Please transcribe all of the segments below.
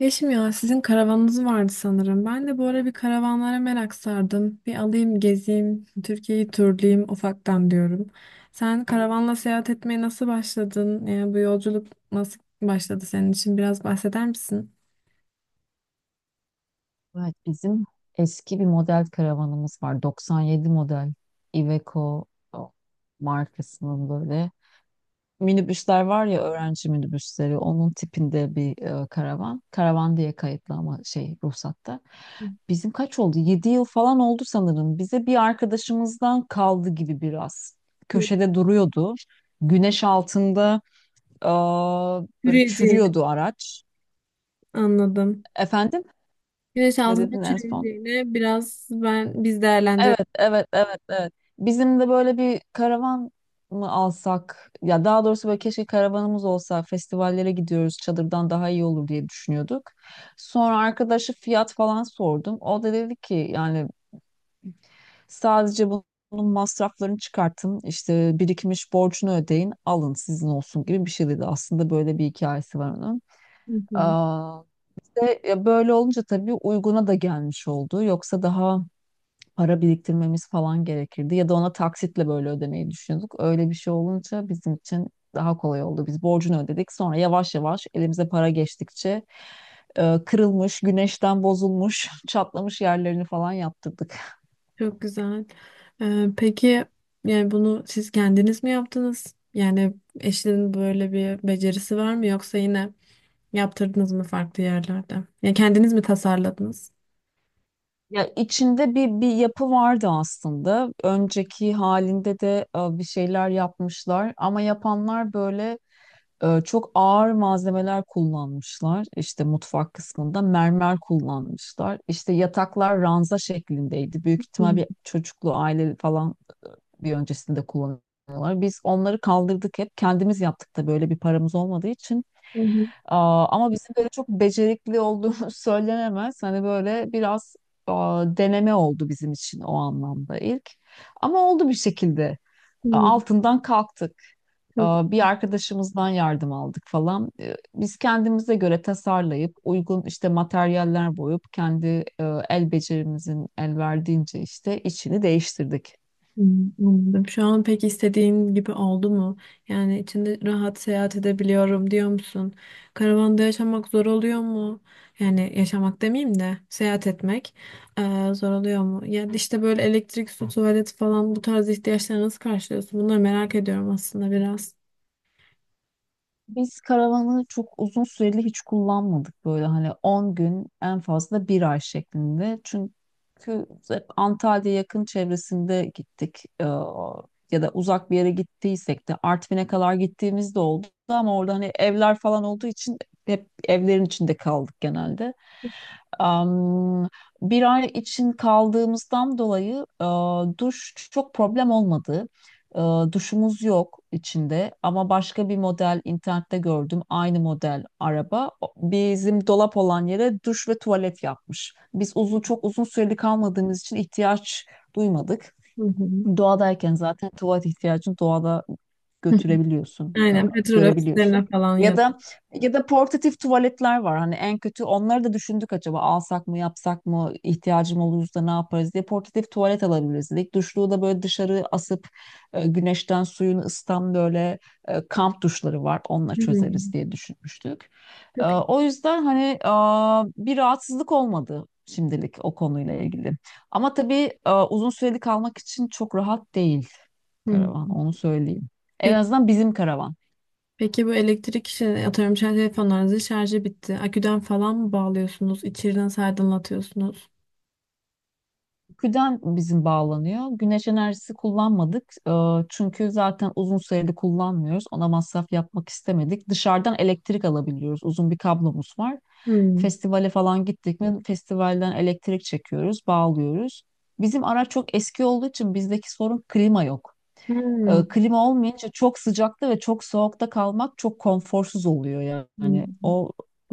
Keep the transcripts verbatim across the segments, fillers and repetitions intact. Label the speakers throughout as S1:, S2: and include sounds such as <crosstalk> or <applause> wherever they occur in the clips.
S1: Yeşim ya sizin karavanınız vardı sanırım. Ben de bu ara bir karavanlara merak sardım. Bir alayım gezeyim, Türkiye'yi turlayayım ufaktan diyorum. Sen karavanla seyahat etmeye nasıl başladın? Yani bu yolculuk nasıl başladı senin için? Biraz bahseder misin?
S2: Evet, bizim eski bir model karavanımız var. doksan yedi model Iveco o, markasının böyle minibüsler var ya öğrenci minibüsleri onun tipinde bir e, karavan. Karavan diye kayıtlı ama şey ruhsatta. Bizim kaç oldu? Yedi yıl falan oldu sanırım. Bize bir arkadaşımızdan kaldı gibi biraz.
S1: Hı,
S2: Köşede duruyordu. Güneş altında e, böyle
S1: Çürüyeceğini
S2: çürüyordu araç.
S1: anladım.
S2: Efendim?
S1: Güneş
S2: Ne
S1: altında
S2: dedin en son?
S1: çürüyeceğini biraz ben biz değerlendirelim.
S2: Evet, evet, evet, evet. Bizim de böyle bir karavan mı alsak? Ya daha doğrusu böyle keşke karavanımız olsa. Festivallere gidiyoruz. Çadırdan daha iyi olur diye düşünüyorduk. Sonra arkadaşı fiyat falan sordum. O da dedi ki yani sadece bunun masraflarını çıkartın. İşte birikmiş borcunu ödeyin. Alın sizin olsun gibi bir şey dedi. Aslında böyle bir hikayesi var onun. Aa, işte, ya böyle olunca tabii uyguna da gelmiş oldu. Yoksa daha para biriktirmemiz falan gerekirdi. Ya da ona taksitle böyle ödemeyi düşündük. Öyle bir şey olunca bizim için daha kolay oldu. Biz borcunu ödedik. Sonra yavaş yavaş elimize para geçtikçe e, kırılmış, güneşten bozulmuş, <laughs> çatlamış yerlerini falan yaptırdık.
S1: Çok güzel. Ee, peki yani bunu siz kendiniz mi yaptınız? Yani eşinin böyle bir becerisi var mı yoksa yine yaptırdınız mı farklı yerlerde? Ya kendiniz mi tasarladınız?
S2: Ya içinde bir bir yapı vardı aslında. Önceki halinde de e, bir şeyler yapmışlar ama yapanlar böyle e, çok ağır malzemeler kullanmışlar. İşte mutfak kısmında mermer kullanmışlar. İşte yataklar ranza şeklindeydi. Büyük ihtimal bir
S1: Hı
S2: çocuklu aile falan bir öncesinde kullanıyorlar. Biz onları kaldırdık hep. Kendimiz yaptık da böyle bir paramız olmadığı için.
S1: hı.
S2: Aa, ama bizim böyle çok becerikli olduğumuz <laughs> söylenemez. Hani böyle biraz aa, deneme oldu bizim için o anlamda ilk. Ama oldu bir şekilde. E,
S1: Hı.
S2: altından kalktık. E,
S1: Çok
S2: Bir arkadaşımızdan yardım aldık falan. E, Biz kendimize göre tasarlayıp uygun işte materyaller boyup kendi e, el becerimizin el verdiğince işte içini değiştirdik.
S1: Hmm, anladım. Şu an pek istediğin gibi oldu mu? Yani içinde rahat seyahat edebiliyorum diyor musun? Karavanda yaşamak zor oluyor mu? Yani yaşamak demeyeyim de seyahat etmek eee, zor oluyor mu? Ya işte böyle elektrik, su, tuvalet falan bu tarz ihtiyaçları nasıl karşılıyorsun? Bunları merak ediyorum aslında biraz.
S2: Biz karavanı çok uzun süreli hiç kullanmadık böyle hani on gün en fazla bir ay şeklinde. Çünkü hep Antalya yakın çevresinde gittik. Ee, ya da uzak bir yere gittiysek de Artvin'e kadar gittiğimiz de oldu ama orada hani evler falan olduğu için hep evlerin içinde kaldık genelde. Am, bir ay için kaldığımızdan dolayı e, duş çok problem olmadı. Ee, duşumuz yok içinde ama başka bir model internette gördüm. Aynı model araba O- bizim dolap olan yere duş ve tuvalet yapmış. Biz uzun çok uzun süreli kalmadığımız için ihtiyaç duymadık.
S1: Hı hı.
S2: Doğadayken zaten tuvalet ihtiyacını doğada
S1: <laughs>
S2: götürebiliyorsun, e,
S1: Aynen petrol
S2: görebiliyorsun.
S1: ofislerine falan
S2: Ya
S1: ya.
S2: da ya da portatif tuvaletler var. Hani en kötü onları da düşündük acaba alsak mı, yapsak mı, ihtiyacım olursa ne yaparız diye portatif tuvalet alabiliriz dedik. Duşluğu da böyle dışarı asıp e, güneşten suyunu ısıtan böyle e, kamp duşları var. Onunla çözeriz
S1: Hmm,
S2: diye düşünmüştük. E,
S1: çok iyi.
S2: O yüzden hani e, bir rahatsızlık olmadı şimdilik o konuyla ilgili. Ama tabii e, uzun süreli kalmak için çok rahat değil karavan,
S1: Hmm.
S2: onu söyleyeyim. En azından bizim karavan.
S1: Peki bu elektrik işi atıyorum şarj telefonlarınızın şarjı bitti. Aküden falan mı bağlıyorsunuz? İçeriden nasıl aydınlatıyorsunuz?
S2: Güden bizim bağlanıyor. Güneş enerjisi kullanmadık. E, çünkü zaten uzun süreli kullanmıyoruz. Ona masraf yapmak istemedik. Dışarıdan elektrik alabiliyoruz. Uzun bir kablomuz var.
S1: Hmm.
S2: Festivale falan gittik mi festivalden elektrik çekiyoruz, bağlıyoruz. Bizim araç çok eski olduğu için bizdeki sorun klima yok.
S1: Hmm.
S2: E, klima olmayınca çok sıcakta ve çok soğukta kalmak çok konforsuz oluyor yani.
S1: Hmm.
S2: O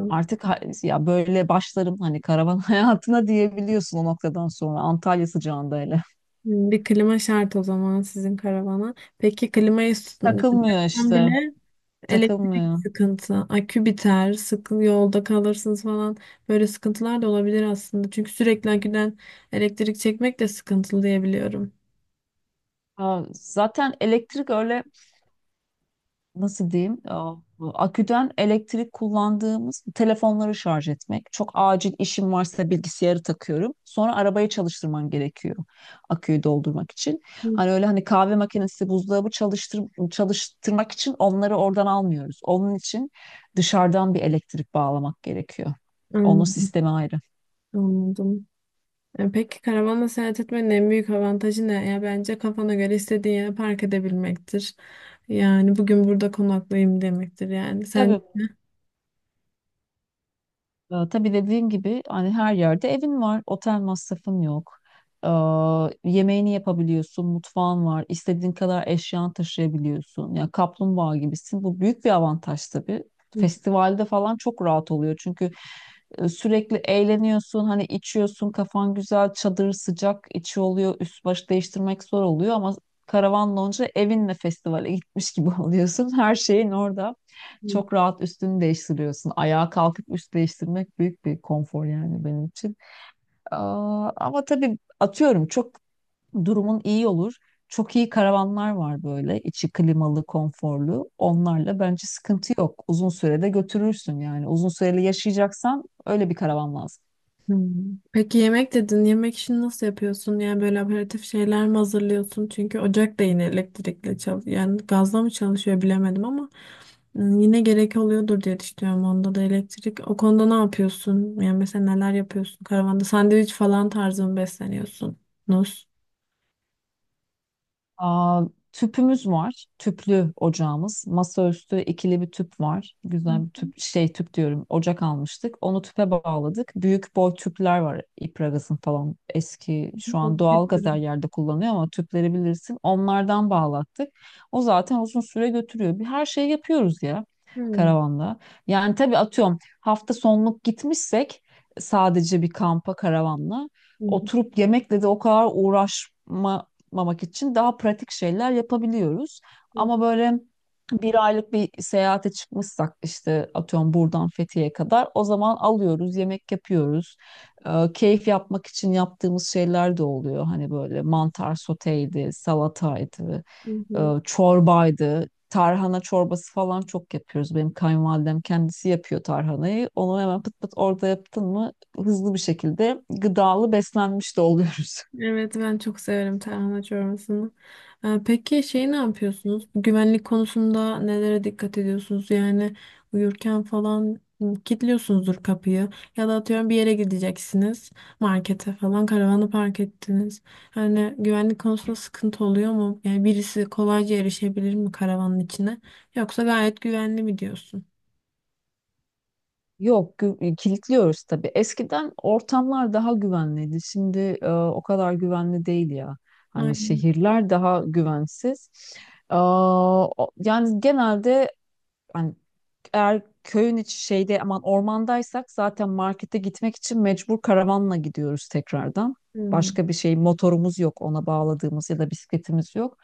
S2: artık ha- ya böyle başlarım hani karavan <laughs> hayatına diyebiliyorsun o noktadan sonra Antalya sıcağında hele.
S1: Hmm, bir klima şart o zaman sizin karavana. Peki klimayı tutun
S2: Takılmıyor işte.
S1: bile elektrik
S2: Takılmıyor.
S1: sıkıntı, akü biter, sıkı yolda kalırsınız falan. Böyle sıkıntılar da olabilir aslında. Çünkü sürekli aküden elektrik çekmek de sıkıntılı diyebiliyorum.
S2: Ha, zaten elektrik öyle nasıl diyeyim Aa, aküden elektrik kullandığımız telefonları şarj etmek. Çok acil işim varsa bilgisayarı takıyorum. Sonra arabayı çalıştırman gerekiyor aküyü doldurmak için. Hani öyle hani kahve makinesi, buzdolabı çalıştır, çalıştırmak için onları oradan almıyoruz. Onun için dışarıdan bir elektrik bağlamak gerekiyor. Onun
S1: Anladım.
S2: sistemi ayrı.
S1: anladım. E, Peki karavanla seyahat etmenin en büyük avantajı ne? Ya bence kafana göre istediğin yere park edebilmektir. Yani bugün burada konaklayayım demektir yani. Sen
S2: Tabii.
S1: <laughs>
S2: Ee, tabii dediğim gibi hani her yerde evin var, otel masrafın yok. Ee, yemeğini yapabiliyorsun, mutfağın var, istediğin kadar eşyan taşıyabiliyorsun. Yani kaplumbağa gibisin. Bu büyük bir avantaj tabii.
S1: Hı
S2: Festivalde falan çok rahat oluyor çünkü e, sürekli eğleniyorsun, hani içiyorsun, kafan güzel, çadır sıcak, içi oluyor, üst baş değiştirmek zor oluyor ama karavan lonca evinle festivale gitmiş gibi <laughs> oluyorsun. Her şeyin orada.
S1: hı.
S2: Çok rahat üstünü değiştiriyorsun. Ayağa kalkıp üst değiştirmek büyük bir konfor yani benim için. Aa, ama tabii atıyorum çok durumun iyi olur. Çok iyi karavanlar var böyle içi klimalı, konforlu. Onlarla bence sıkıntı yok. Uzun sürede götürürsün yani. Uzun süreli yaşayacaksan öyle bir karavan lazım.
S1: Hmm. Peki yemek dedin. Yemek işini nasıl yapıyorsun? Yani böyle aperatif şeyler mi hazırlıyorsun? Çünkü ocak da yine elektrikle çalışıyor. Yani gazla mı çalışıyor bilemedim ama hmm, yine gerek oluyordur diye düşünüyorum. Onda da elektrik. O konuda ne yapıyorsun? Yani mesela neler yapıyorsun karavanda? Sandviç falan tarzı mı besleniyorsunuz?
S2: Aa, tüpümüz var. Tüplü ocağımız. Masaüstü ikili bir tüp var. Güzel bir tüp şey tüp diyorum. Ocak almıştık. Onu tüpe bağladık. Büyük boy tüpler var. İpragaz'ın falan. Eski şu an doğal gaz her yerde kullanıyor ama tüpleri bilirsin. Onlardan bağlattık. O zaten uzun süre götürüyor. Bir her şeyi yapıyoruz ya
S1: Hmm.
S2: karavanda. Yani tabii atıyorum hafta sonluk gitmişsek sadece bir kampa karavanla
S1: Hı hı,
S2: oturup yemekle de o kadar uğraşma yapmamak için daha pratik şeyler yapabiliyoruz.
S1: hı
S2: Ama böyle bir aylık bir seyahate çıkmışsak işte atıyorum buradan Fethiye'ye kadar o zaman alıyoruz, yemek yapıyoruz. Ee, keyif yapmak için yaptığımız şeyler de oluyor. Hani böyle mantar soteydi, salataydı,
S1: hı,
S2: e,
S1: hı.
S2: çorbaydı. Tarhana çorbası falan çok yapıyoruz. Benim kayınvalidem kendisi yapıyor tarhanayı. Onu hemen pıt pıt orada yaptın mı hızlı bir şekilde gıdalı beslenmiş de oluyoruz.
S1: Evet ben çok severim tarhana çorbasını. Ee, Peki şey ne yapıyorsunuz? Güvenlik konusunda nelere dikkat ediyorsunuz? Yani uyurken falan hı, kilitliyorsunuzdur kapıyı ya da atıyorum bir yere gideceksiniz markete falan karavanı park ettiniz. Hani güvenlik konusunda sıkıntı oluyor mu? Yani birisi kolayca erişebilir mi karavanın içine? Yoksa gayet güvenli mi diyorsun?
S2: Yok, gü- e, kilitliyoruz tabii. Eskiden ortamlar daha güvenliydi. Şimdi e, o kadar güvenli değil ya. Hani
S1: Aynen.
S2: şehirler daha güvensiz. Aa, o- yani genelde hani eğer köyün içi şeyde aman ormandaysak zaten markete gitmek için mecbur karavanla gidiyoruz tekrardan.
S1: Hmm.
S2: Başka bir şey motorumuz yok ona bağladığımız ya da bisikletimiz yok.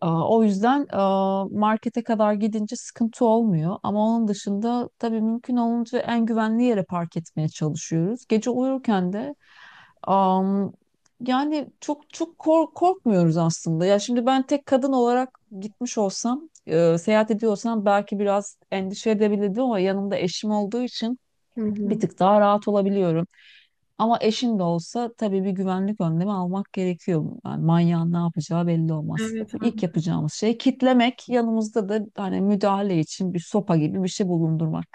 S2: Aa, O yüzden aa, markete kadar gidince sıkıntı olmuyor. Ama onun dışında tabii mümkün olunca en güvenli yere park etmeye çalışıyoruz. Gece uyurken de am, yani çok çok kork- korkmuyoruz aslında. Ya şimdi ben tek kadın olarak gitmiş olsam, e, seyahat ediyorsam belki biraz endişe edebilirdim ama yanımda eşim olduğu için
S1: Hı
S2: bir
S1: hı.
S2: tık daha rahat olabiliyorum. Ama eşin de olsa tabii bir güvenlik önlemi almak gerekiyor. Yani manyağın ne yapacağı belli olmaz. İşte
S1: Evet,
S2: İlk yapacağımız şey kitlemek, yanımızda da hani müdahale için bir sopa gibi bir şey bulundurmak.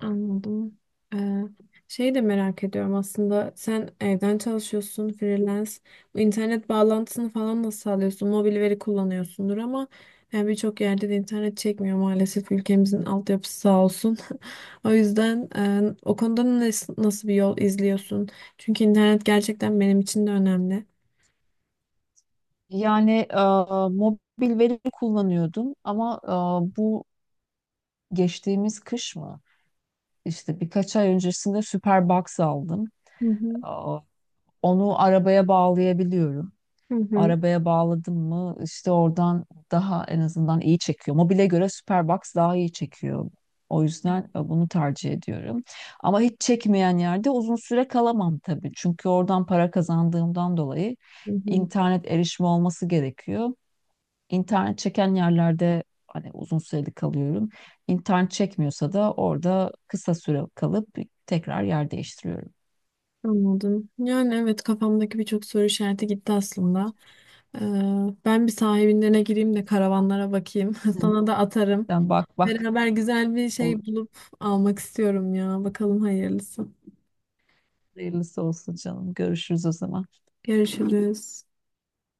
S1: anladım. Ee, şey de merak ediyorum aslında. Sen evden çalışıyorsun, freelance. Bu internet bağlantısını falan nasıl sağlıyorsun? Mobil veri kullanıyorsundur ama yani birçok yerde de internet çekmiyor maalesef. Ülkemizin altyapısı sağ olsun. <laughs> O yüzden e, o konuda nas- nasıl bir yol izliyorsun? Çünkü internet gerçekten benim için de önemli.
S2: Yani e, mobil veri kullanıyordum ama e, bu geçtiğimiz kış mı? İşte birkaç ay öncesinde Superbox aldım.
S1: Hı hı.
S2: E, onu arabaya bağlayabiliyorum.
S1: Hı hı.
S2: Arabaya bağladım mı işte oradan daha en azından iyi çekiyor. Mobile göre Superbox daha iyi çekiyor. O yüzden e, bunu tercih ediyorum. Ama hiç çekmeyen yerde uzun süre kalamam tabii. Çünkü oradan para kazandığımdan dolayı
S1: Hı hı.
S2: internet erişimi olması gerekiyor. İnternet çeken yerlerde hani uzun süreli kalıyorum. İnternet çekmiyorsa da orada kısa süre kalıp tekrar yer değiştiriyorum.
S1: Anladım. Yani evet kafamdaki birçok soru işareti gitti aslında. Ee, Ben bir sahibinlerine gireyim de karavanlara bakayım. <laughs>
S2: Hı.
S1: Sana da atarım.
S2: Sen bak bak
S1: Beraber güzel bir
S2: olur.
S1: şey bulup almak istiyorum ya. Bakalım hayırlısı.
S2: Hayırlısı olsun canım. Görüşürüz o zaman.
S1: Görüşürüz.